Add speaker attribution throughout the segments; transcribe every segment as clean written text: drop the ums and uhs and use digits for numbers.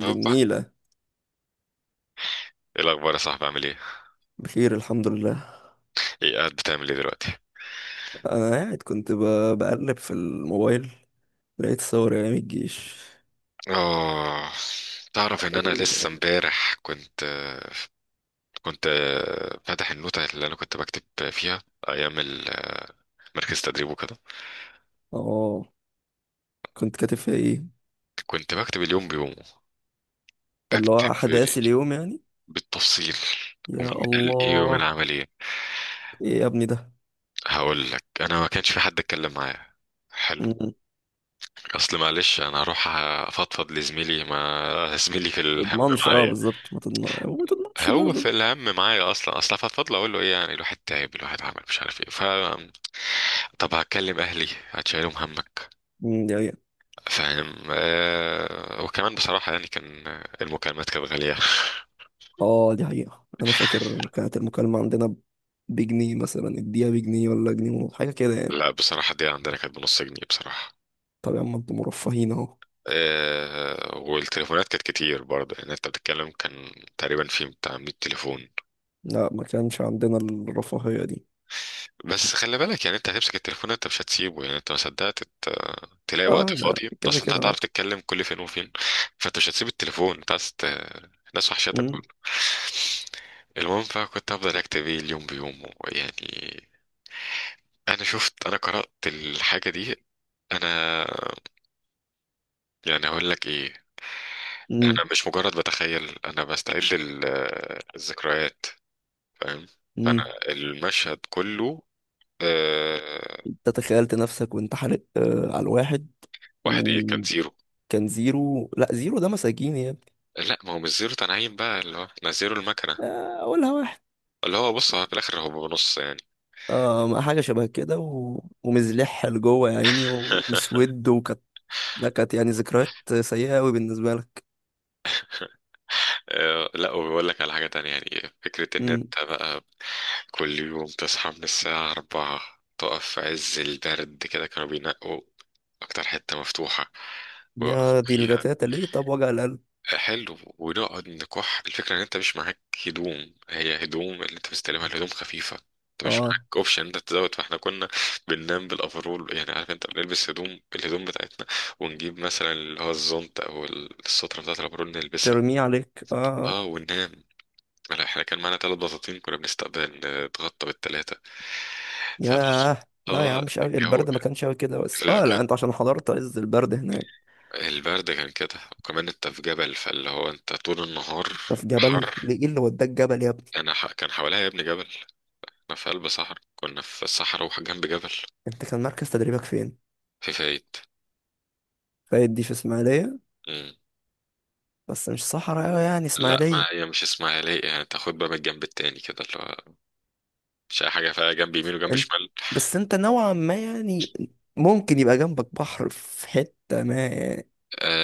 Speaker 1: دي
Speaker 2: هوبا.
Speaker 1: النيلة.
Speaker 2: ايه الاخبار يا صاحبي؟ عامل ايه؟
Speaker 1: بخير الحمد لله.
Speaker 2: ايه قاعد بتعمل ايه دلوقتي؟
Speaker 1: أنا قاعد كنت بقلب في الموبايل، لقيت صور أيام الجيش.
Speaker 2: اه، تعرف ان انا لسه امبارح كنت فاتح النوتة اللي انا كنت بكتب فيها ايام مركز تدريب وكده.
Speaker 1: اه، كنت كاتب فيها إيه؟
Speaker 2: كنت بكتب اليوم بيومه،
Speaker 1: اللي هو
Speaker 2: بكتب
Speaker 1: أحداث اليوم يعني.
Speaker 2: بالتفصيل، ومين
Speaker 1: يا
Speaker 2: قال ايه ومين
Speaker 1: الله،
Speaker 2: عمل ايه.
Speaker 1: إيه يا ابني ده؟
Speaker 2: هقول لك انا ما كانش في حد اتكلم معايا. حلو.
Speaker 1: مم.
Speaker 2: اصل معلش انا هروح افضفض لزميلي ما زميلي في الهم
Speaker 1: تضمنش، اه
Speaker 2: معايا.
Speaker 1: بالظبط، ما تضمنش وما تضمنش
Speaker 2: هو في
Speaker 1: برضه.
Speaker 2: الهم معايا اصلا، اصلا فضل اقول له ايه؟ يعني الواحد تعب، الواحد عمل مش عارف ايه. ف طب هكلم اهلي هتشيلهم همك؟
Speaker 1: مم، دي حقيقة.
Speaker 2: فاهم؟ آه، وكمان بصراحه يعني كان المكالمات كانت غاليه.
Speaker 1: اه دي حقيقة، أنا فاكر كانت المكالمة عندنا بجنيه مثلا، اديها بجنيه ولا جنيه حاجة كده يعني.
Speaker 2: لا بصراحه دي عندنا كانت بنص جنيه بصراحه.
Speaker 1: طب يا عم انتوا مرفهين اهو.
Speaker 2: آه والتليفونات كانت كتير برضه، يعني انت بتتكلم كان تقريبا في بتاع 100 تليفون.
Speaker 1: لا ما كانش عندنا الرفاهية دي.
Speaker 2: بس خلي بالك، يعني انت هتمسك التليفون انت مش هتسيبه، يعني انت ما صدقت تلاقي وقت
Speaker 1: اه لا
Speaker 2: فاضي،
Speaker 1: كده
Speaker 2: اصل انت
Speaker 1: كده.
Speaker 2: هتعرف تتكلم كل فين وفين. فانت مش هتسيب التليفون، انت عايز الناس وحشتك
Speaker 1: مم.
Speaker 2: برضه. المهم فكنت هفضل اكتب ايه اليوم بيومه يعني. انا شفت، انا قرأت الحاجة دي. انا يعني هقول لك ايه،
Speaker 1: مم.
Speaker 2: انا مش مجرد بتخيل، انا بستعد الذكريات. فاهم؟ فانا
Speaker 1: مم.
Speaker 2: المشهد كله آه،
Speaker 1: انت تخيلت نفسك وانت حالق آه على الواحد،
Speaker 2: واحد ايه كان زيرو؟
Speaker 1: وكان زيرو. لا زيرو ده مساجين يا ابني.
Speaker 2: لا ما هو مش زيرو تنعيم بقى، اللي هو احنا زيرو المكنة،
Speaker 1: آه، اقولها واحد.
Speaker 2: اللي هو بص هو في الآخر هو بنص يعني.
Speaker 1: آه، ما حاجه شبه كده ومزلح لجوه يا عيني ومسود، وكانت، ده كانت يعني ذكريات سيئه قوي بالنسبه لك.
Speaker 2: آه، لا وبيقول لك على حاجة تانية، يعني فكرة إن
Speaker 1: مم.
Speaker 2: أنت بقى كل يوم تصحى من الساعة أربعة، تقف في عز البرد كده، كانوا بينقوا أكتر حتة مفتوحة ويوقف
Speaker 1: يا دي
Speaker 2: فيها.
Speaker 1: الجتاتة ليه؟ طب وجع القلب.
Speaker 2: حلو، ونقعد نكح الفكرة ان انت مش معاك هدوم، هي هدوم اللي انت مستلمها الهدوم خفيفة، انت مش معاك
Speaker 1: اه،
Speaker 2: اوبشن انت تزود. فاحنا كنا بننام بالافرول، يعني عارف انت بنلبس هدوم، الهدوم بتاعتنا، ونجيب مثلا اللي هو الزونت او السترة بتاعت الافرول نلبسها.
Speaker 1: ترميه عليك اه.
Speaker 2: اه وننام. لا، احنا كان معانا ثلاث بساطين، كنا بنستقبل نتغطى بالثلاثة. فتقص.
Speaker 1: ياه، لا يا
Speaker 2: اه
Speaker 1: عم مش قوي
Speaker 2: الجو،
Speaker 1: البرد، ما كانش قوي كده، بس
Speaker 2: لا
Speaker 1: اه
Speaker 2: كان
Speaker 1: لا انت عشان حضرت عز البرد هناك.
Speaker 2: البرد كان كده، وكمان انت في جبل، فاللي هو انت طول النهار
Speaker 1: ده في جبل
Speaker 2: حر.
Speaker 1: ليه؟ ايه اللي وداك جبل يا؟
Speaker 2: كان حواليها يا ابني جبل، احنا في قلب صحراء، كنا في الصحراء وجنب جبل.
Speaker 1: انت كان مركز تدريبك فين؟
Speaker 2: في فايد.
Speaker 1: فايد دي في اسماعيلية،
Speaker 2: مم.
Speaker 1: بس مش صحراء أوي يعني
Speaker 2: لا ما
Speaker 1: اسماعيلية.
Speaker 2: هي مش اسمها ليه، يعني تاخد بقى من الجنب التاني كده اللي هو مش اي حاجه، فيها جنب يمين وجنب
Speaker 1: انت،
Speaker 2: شمال.
Speaker 1: بس انت نوعا ما يعني ممكن يبقى جنبك بحر في حتة ما يعني.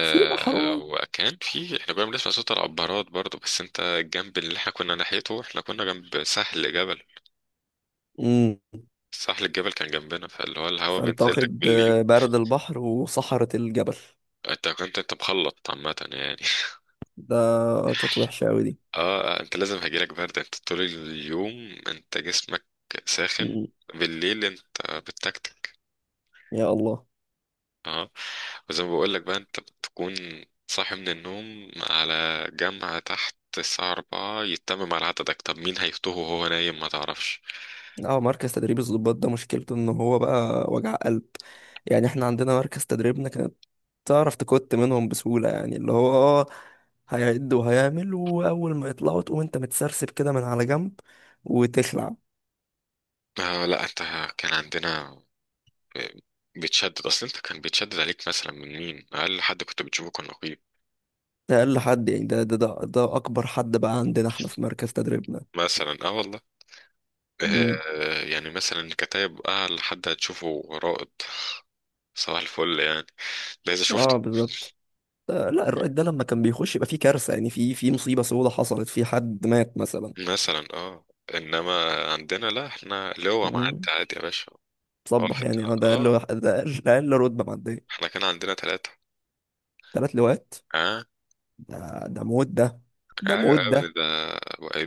Speaker 1: في بحر قريب.
Speaker 2: وكان في، احنا كنا بنسمع صوت العبارات برضو، بس انت الجنب اللي احنا كنا ناحيته احنا كنا جنب ساحل جبل.
Speaker 1: امم.
Speaker 2: ساحل الجبل كان جنبنا، فاللي هو الهوا
Speaker 1: فانت
Speaker 2: بينزل لك
Speaker 1: واخد
Speaker 2: بالليل.
Speaker 1: آه، برد البحر وصحراء الجبل.
Speaker 2: انت كنت انت مخلط عامه يعني.
Speaker 1: ده كانت وحشة أوي دي.
Speaker 2: اه آه، انت لازم هيجيلك برد، انت طول اليوم انت جسمك ساخن،
Speaker 1: مم.
Speaker 2: بالليل انت بتكتك.
Speaker 1: يا الله.
Speaker 2: اه. وزي ما بقولك بقى انت بتكون صاحي من النوم على جامعة تحت الساعة أربعة، يتمم على عددك. طب مين هيفطوه وهو نايم؟ ما تعرفش.
Speaker 1: اه، مركز تدريب الضباط ده مشكلته ان هو بقى وجع قلب. يعني احنا عندنا مركز تدريبنا كانت، تعرف تكت منهم بسهولة يعني، اللي هو اه هيعد وهيعمل، وأول ما يطلعوا تقوم أنت متسرسب كده من على جنب وتخلع.
Speaker 2: آه لا انت كان عندنا بتشدد، اصل انت كان بيتشدد عليك مثلا، من مين اقل حد كنت بتشوفه كان نقيب
Speaker 1: ده أقل حد يعني؟ ده أكبر حد بقى عندنا احنا في مركز تدريبنا.
Speaker 2: مثلا. اه والله.
Speaker 1: مم.
Speaker 2: آه يعني مثلا كتايب اقل حد هتشوفه رائد. صباح الفل يعني ده اذا
Speaker 1: اه
Speaker 2: شفته.
Speaker 1: بالظبط. لا الرائد ده لما كان بيخش يبقى في كارثة يعني، في في مصيبة سودة حصلت، في حد مات مثلا.
Speaker 2: مثلا اه. انما عندنا لا احنا اللي هو معدي
Speaker 1: مم.
Speaker 2: عادي يا باشا. اه في
Speaker 1: تصبح يعني. اه
Speaker 2: اه،
Speaker 1: ده أقل أقل رتبة معدية.
Speaker 2: احنا كان عندنا ثلاثة.
Speaker 1: تلات لواءات.
Speaker 2: اه.
Speaker 1: ده ده موت ده، ده
Speaker 2: ايوه
Speaker 1: موت
Speaker 2: يا ابني
Speaker 1: ده.
Speaker 2: ده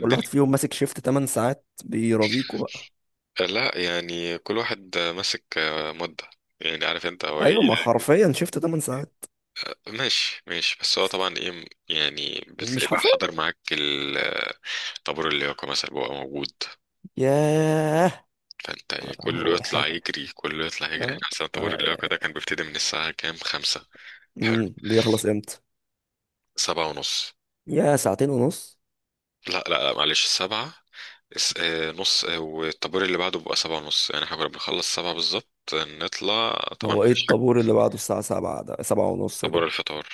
Speaker 1: كل واحد فيهم ماسك شيفت 8 ساعات بيرازيكوا؟
Speaker 2: لا يعني كل واحد ماسك آه، مدة، يعني عارف انت هو ايه.
Speaker 1: ايوه، ما حرفيا شفت 8 ساعات.
Speaker 2: ماشي ماشي، بس هو طبعا ايه يعني، بتلاقي
Speaker 1: مش
Speaker 2: بقى
Speaker 1: حرفيا.
Speaker 2: حضر معاك طابور اللياقة مثلا بيبقى موجود.
Speaker 1: ياه.
Speaker 2: فانت يعني كله
Speaker 1: هو
Speaker 2: يطلع
Speaker 1: حته.
Speaker 2: يجري، كله يطلع يجري.
Speaker 1: آه.
Speaker 2: احنا اصلا طابور اللياقة ده
Speaker 1: آه.
Speaker 2: كان بيبتدي من الساعة كام؟ خمسة. حلو.
Speaker 1: امم، بيخلص امتى؟
Speaker 2: سبعة ونص.
Speaker 1: يا ساعتين ونص.
Speaker 2: لا لا لا معلش، السبعة آه، نص آه، والطابور اللي بعده بيبقى سبعة ونص، يعني احنا كنا بنخلص سبعة بالظبط، نطلع. طبعا
Speaker 1: هو ايه
Speaker 2: مفيش حاجة.
Speaker 1: الطابور اللي بعده الساعه 7 ده؟ 7 ونص
Speaker 2: طابور
Speaker 1: ده.
Speaker 2: الفطار.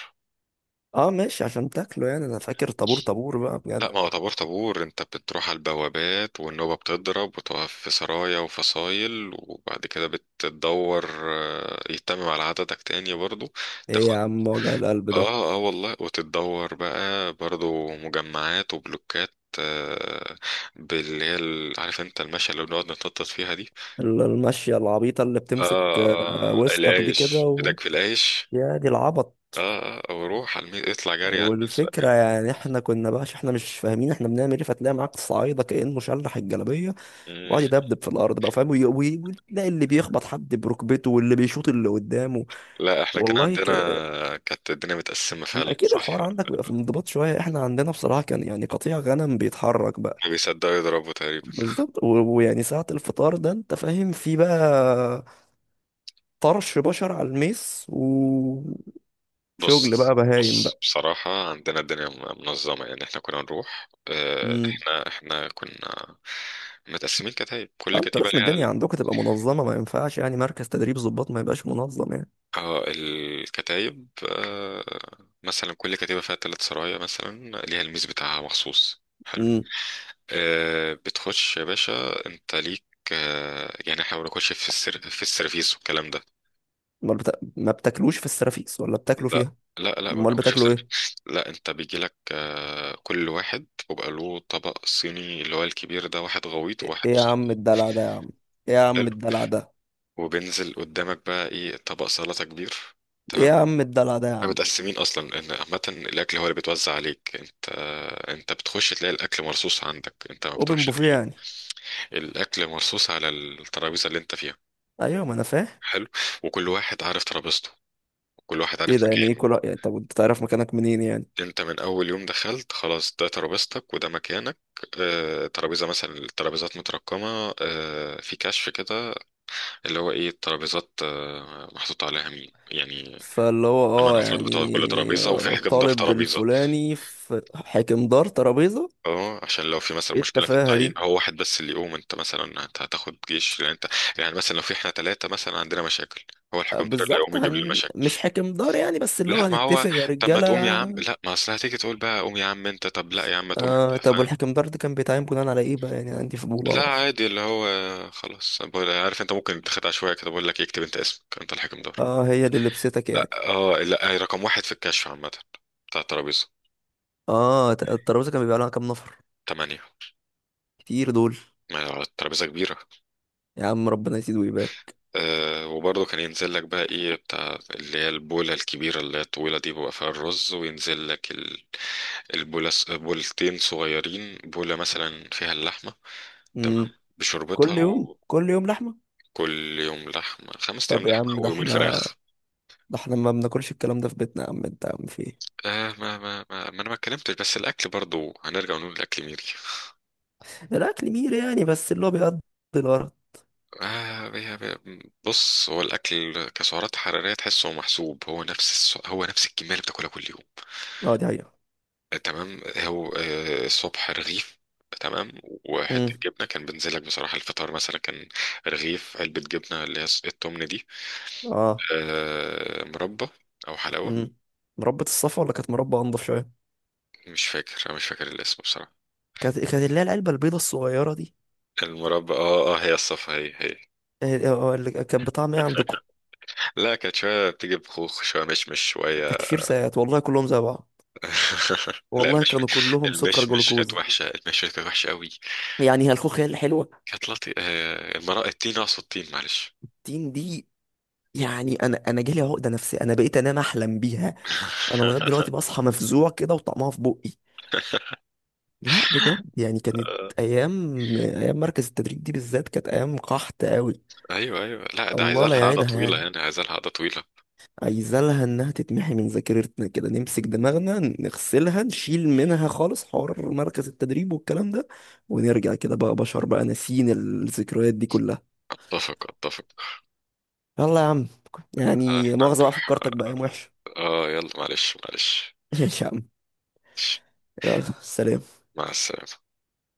Speaker 1: اه ماشي عشان تاكله يعني، انا فاكر طابور طابور بقى
Speaker 2: لا
Speaker 1: بجد.
Speaker 2: ما هو طابور طابور، انت بتروح على البوابات والنوبة بتضرب، وتقف في سرايا وفصايل، وبعد كده بتدور آه، يتمم على عددك تاني برضو.
Speaker 1: ايه يا
Speaker 2: تاخد
Speaker 1: عم وجع القلب ده؟
Speaker 2: اه اه والله، وتدور بقى برضو مجمعات وبلوكات آه، باللي هي عارف انت، المشي اللي بنقعد نتنطط فيها دي.
Speaker 1: المشيه العبيطه اللي بتمسك آه،
Speaker 2: آه آه،
Speaker 1: وسطك دي كده
Speaker 2: العيش
Speaker 1: و...
Speaker 2: إيدك في العيش.
Speaker 1: يا دي العبط.
Speaker 2: آه آه وروح على الميز، اطلع جري على الميز بقى
Speaker 1: والفكره
Speaker 2: كده.
Speaker 1: يعني احنا كنا بقى عشان احنا مش فاهمين احنا بنعمل ايه، فتلاقي معاك صعايده كانه شلح الجلابيه
Speaker 2: مم.
Speaker 1: وقعد يدبدب في الارض بقى، فاهم؟ وتلاقي اللي بيخبط حد بركبته واللي بيشوط اللي قدامه.
Speaker 2: لا احنا كان
Speaker 1: والله
Speaker 2: عندنا
Speaker 1: ك...
Speaker 2: كانت الدنيا متقسمة
Speaker 1: ما
Speaker 2: فعلا،
Speaker 1: اكيد
Speaker 2: صح.
Speaker 1: الحوار عندك بيبقى في انضباط شويه، احنا عندنا بصراحه كان يعني قطيع غنم بيتحرك بقى.
Speaker 2: ما بيصدقوا يضربوا تقريبا.
Speaker 1: بالظبط. ويعني ساعه الفطار ده انت فاهم، في بقى طرش بشر على الميس وشغل
Speaker 2: بص
Speaker 1: بقى بهايم
Speaker 2: بص
Speaker 1: بقى.
Speaker 2: بصراحة عندنا الدنيا منظمة يعني. احنا كنا نروح آه،
Speaker 1: امم.
Speaker 2: احنا كنا متقسمين كتايب، كل
Speaker 1: آه، انتوا
Speaker 2: كتيبة
Speaker 1: لازم
Speaker 2: ليها
Speaker 1: الدنيا عندكم تبقى منظمه، ما ينفعش يعني مركز تدريب ضباط ما يبقاش منظم يعني.
Speaker 2: اه الكتايب آه، مثلا كل كتيبة فيها تلات سرايا مثلا، ليها الميز بتاعها مخصوص. حلو.
Speaker 1: امم.
Speaker 2: آه، بتخش يا باشا انت ليك آه، يعني احنا ما بناخدش في في السيرفيس والكلام ده.
Speaker 1: امال ما بتاكلوش في السرافيس ولا بتاكلوا
Speaker 2: لا
Speaker 1: فيها؟
Speaker 2: لا لا ما
Speaker 1: امال
Speaker 2: بناخدش في
Speaker 1: بتاكلوا ايه؟
Speaker 2: السيرفيس. لا انت بيجي لك آه، كل واحد وبقى له طبق صيني، اللي هو الكبير ده واحد غويط وواحد
Speaker 1: ايه يا عم
Speaker 2: مصغر.
Speaker 1: الدلع ده يا عم! ايه يا عم
Speaker 2: حلو.
Speaker 1: الدلع ده!
Speaker 2: وبينزل قدامك بقى ايه، طبق سلطة كبير.
Speaker 1: ايه
Speaker 2: تمام.
Speaker 1: يا عم الدلع ده يا
Speaker 2: احنا
Speaker 1: عم!
Speaker 2: متقسمين اصلا ان عامة الاكل هو اللي بيتوزع عليك انت. انت بتخش تلاقي الاكل مرصوص عندك، انت ما
Speaker 1: اوبن
Speaker 2: بتروحش
Speaker 1: بوفيه
Speaker 2: تجيب.
Speaker 1: يعني.
Speaker 2: الاكل مرصوص على الترابيزة اللي انت فيها.
Speaker 1: ايوه ما انا فاهم.
Speaker 2: حلو. وكل واحد عارف ترابيزته، كل واحد عارف
Speaker 1: ايه ده يعني؟ ايه
Speaker 2: مكانه.
Speaker 1: كل يعني، طب انت تعرف مكانك منين يعني؟
Speaker 2: انت من اول يوم دخلت خلاص ده ترابيزتك وده مكانك. آه، ترابيزه مثلا، الترابيزات مترقمه آه، في كشف كده، اللي هو ايه، الترابيزات آه، محطوط عليها مين يعني.
Speaker 1: فاللي هو
Speaker 2: ثمان
Speaker 1: اه
Speaker 2: افراد بتوع كل
Speaker 1: يعني،
Speaker 2: ترابيزه، وفي حاجه مدار
Speaker 1: الطالب
Speaker 2: ترابيزه.
Speaker 1: الفلاني في حاكم دار ترابيزة.
Speaker 2: اه، عشان لو في مثلا
Speaker 1: ايه
Speaker 2: مشكله في
Speaker 1: التفاهة
Speaker 2: التعيين،
Speaker 1: دي!
Speaker 2: هو واحد بس اللي يقوم، انت مثلا انت هتاخد جيش لان انت، يعني مثلا لو في، احنا ثلاثه مثلا عندنا مشاكل، هو
Speaker 1: آه،
Speaker 2: الحكم ده اللي
Speaker 1: بالظبط.
Speaker 2: هيقوم يجيب لي.
Speaker 1: مش حاكم دار يعني بس، اللي هو
Speaker 2: لا ما هو
Speaker 1: هنتفق يا
Speaker 2: طب ما
Speaker 1: رجالة.
Speaker 2: تقوم يا عم، لا ما اصل هتيجي تقول بقى قوم يا عم انت، طب لا يا عم ما تقوم
Speaker 1: آه
Speaker 2: انت،
Speaker 1: طب
Speaker 2: فاهم.
Speaker 1: والحاكم دار ده كان بيتعين بناء على ايه بقى؟ يعني عندي فضول
Speaker 2: لا
Speaker 1: اعرف.
Speaker 2: عادي اللي هو خلاص عارف انت ممكن تخدع شويه كده بقول لك اكتب انت اسمك، انت الحكم دور.
Speaker 1: اه هي اللي لبستك
Speaker 2: اه.
Speaker 1: يعني.
Speaker 2: آه، لا هي رقم واحد في الكشف عامه بتاع الترابيزه.
Speaker 1: اه، الترابيزة كان بيبقى لها كام نفر؟
Speaker 2: تمانية.
Speaker 1: كتير دول.
Speaker 2: ما هي الترابيزه كبيره.
Speaker 1: يا عم ربنا يزيد ويبارك.
Speaker 2: أه وبرضه كان ينزل لك بقى ايه، بتاع اللي هي البوله الكبيره اللي هي الطويله دي بيبقى فيها الرز، وينزل لك البوله، بولتين صغيرين، بوله مثلا فيها اللحمه، تمام،
Speaker 1: امم.
Speaker 2: بشوربتها.
Speaker 1: كل يوم كل يوم لحمة؟
Speaker 2: كل يوم لحمة، خمس أيام
Speaker 1: طب يا عم،
Speaker 2: لحمة
Speaker 1: ده
Speaker 2: ويومين
Speaker 1: احنا،
Speaker 2: فراخ.
Speaker 1: ده احنا ما بناكلش الكلام ده في بيتنا يا عم انت، يا عم في ايه؟
Speaker 2: آه ما أنا ما اتكلمتش، بس الأكل برضو هنرجع ونقول الأكل ميري.
Speaker 1: الاكل مير يعني، بس اللي هو بيقضي الغرض.
Speaker 2: آه بي بي بص هو الأكل كسعرات حرارية تحسه محسوب، هو نفس هو نفس الكمية اللي بتاكلها كل يوم.
Speaker 1: اه دي حقيقة.
Speaker 2: آه، تمام. هو آه، الصبح رغيف، تمام، وحتة
Speaker 1: امم.
Speaker 2: جبنة. كان بنزلك بصراحة الفطار مثلا كان رغيف، علبة جبنة اللي هي التمن دي،
Speaker 1: اه.
Speaker 2: آه مربى أو حلاوة.
Speaker 1: امم. مربى الصفا ولا كانت مربى انضف شوية؟
Speaker 2: مش فاكر، أنا مش فاكر الاسم بصراحة.
Speaker 1: كانت كانت اللي هي العلبة البيضة الصغيرة دي.
Speaker 2: المربى اه اه هي الصفا، هي هي.
Speaker 1: اه، اه، اللي كانت بطعم ايه عندكم؟
Speaker 2: لا كانت شوية بتيجي بخوخ، شوية مشمش، شوية.
Speaker 1: تكفير ساعات والله كلهم زي بعض.
Speaker 2: لا
Speaker 1: والله
Speaker 2: مش،
Speaker 1: كانوا كلهم سكر
Speaker 2: المشمش كانت
Speaker 1: جلوكوز.
Speaker 2: وحشة، المشمش كانت وحشة قوي.
Speaker 1: يعني هي الخوخ هي اللي حلوة.
Speaker 2: كانت لطي آه، المرأة التين، أقصد التين معلش.
Speaker 1: تين دي. يعني انا انا جالي عقدة نفسية، انا بقيت انام احلم بيها. انا لغايه دلوقتي بصحى مفزوع كده وطعمها في بقي. لا بجد يعني كانت، ايام ايام مركز التدريب دي بالذات كانت ايام قحط قوي.
Speaker 2: أيوه أيوه، لا ده
Speaker 1: الله
Speaker 2: عايزة لها
Speaker 1: لا
Speaker 2: قعدة
Speaker 1: يعيدها
Speaker 2: طويلة
Speaker 1: يعني.
Speaker 2: يعني، عايزة لها قعدة طويلة.
Speaker 1: عايزة لها انها تتمحي من ذاكرتنا كده، نمسك دماغنا نغسلها، نشيل منها خالص حوار مركز التدريب والكلام ده، ونرجع كده بقى بشر بقى ناسيين الذكريات دي كلها.
Speaker 2: أتفق أتفق.
Speaker 1: يلا يا عم.
Speaker 2: آه،
Speaker 1: يعني
Speaker 2: احنا
Speaker 1: مؤاخذة بقى
Speaker 2: نروح.
Speaker 1: فكرتك بأيام وحشة.
Speaker 2: اه يلا معلش معلش.
Speaker 1: ايش يا عم. يلا سلام.
Speaker 2: مع السلامة.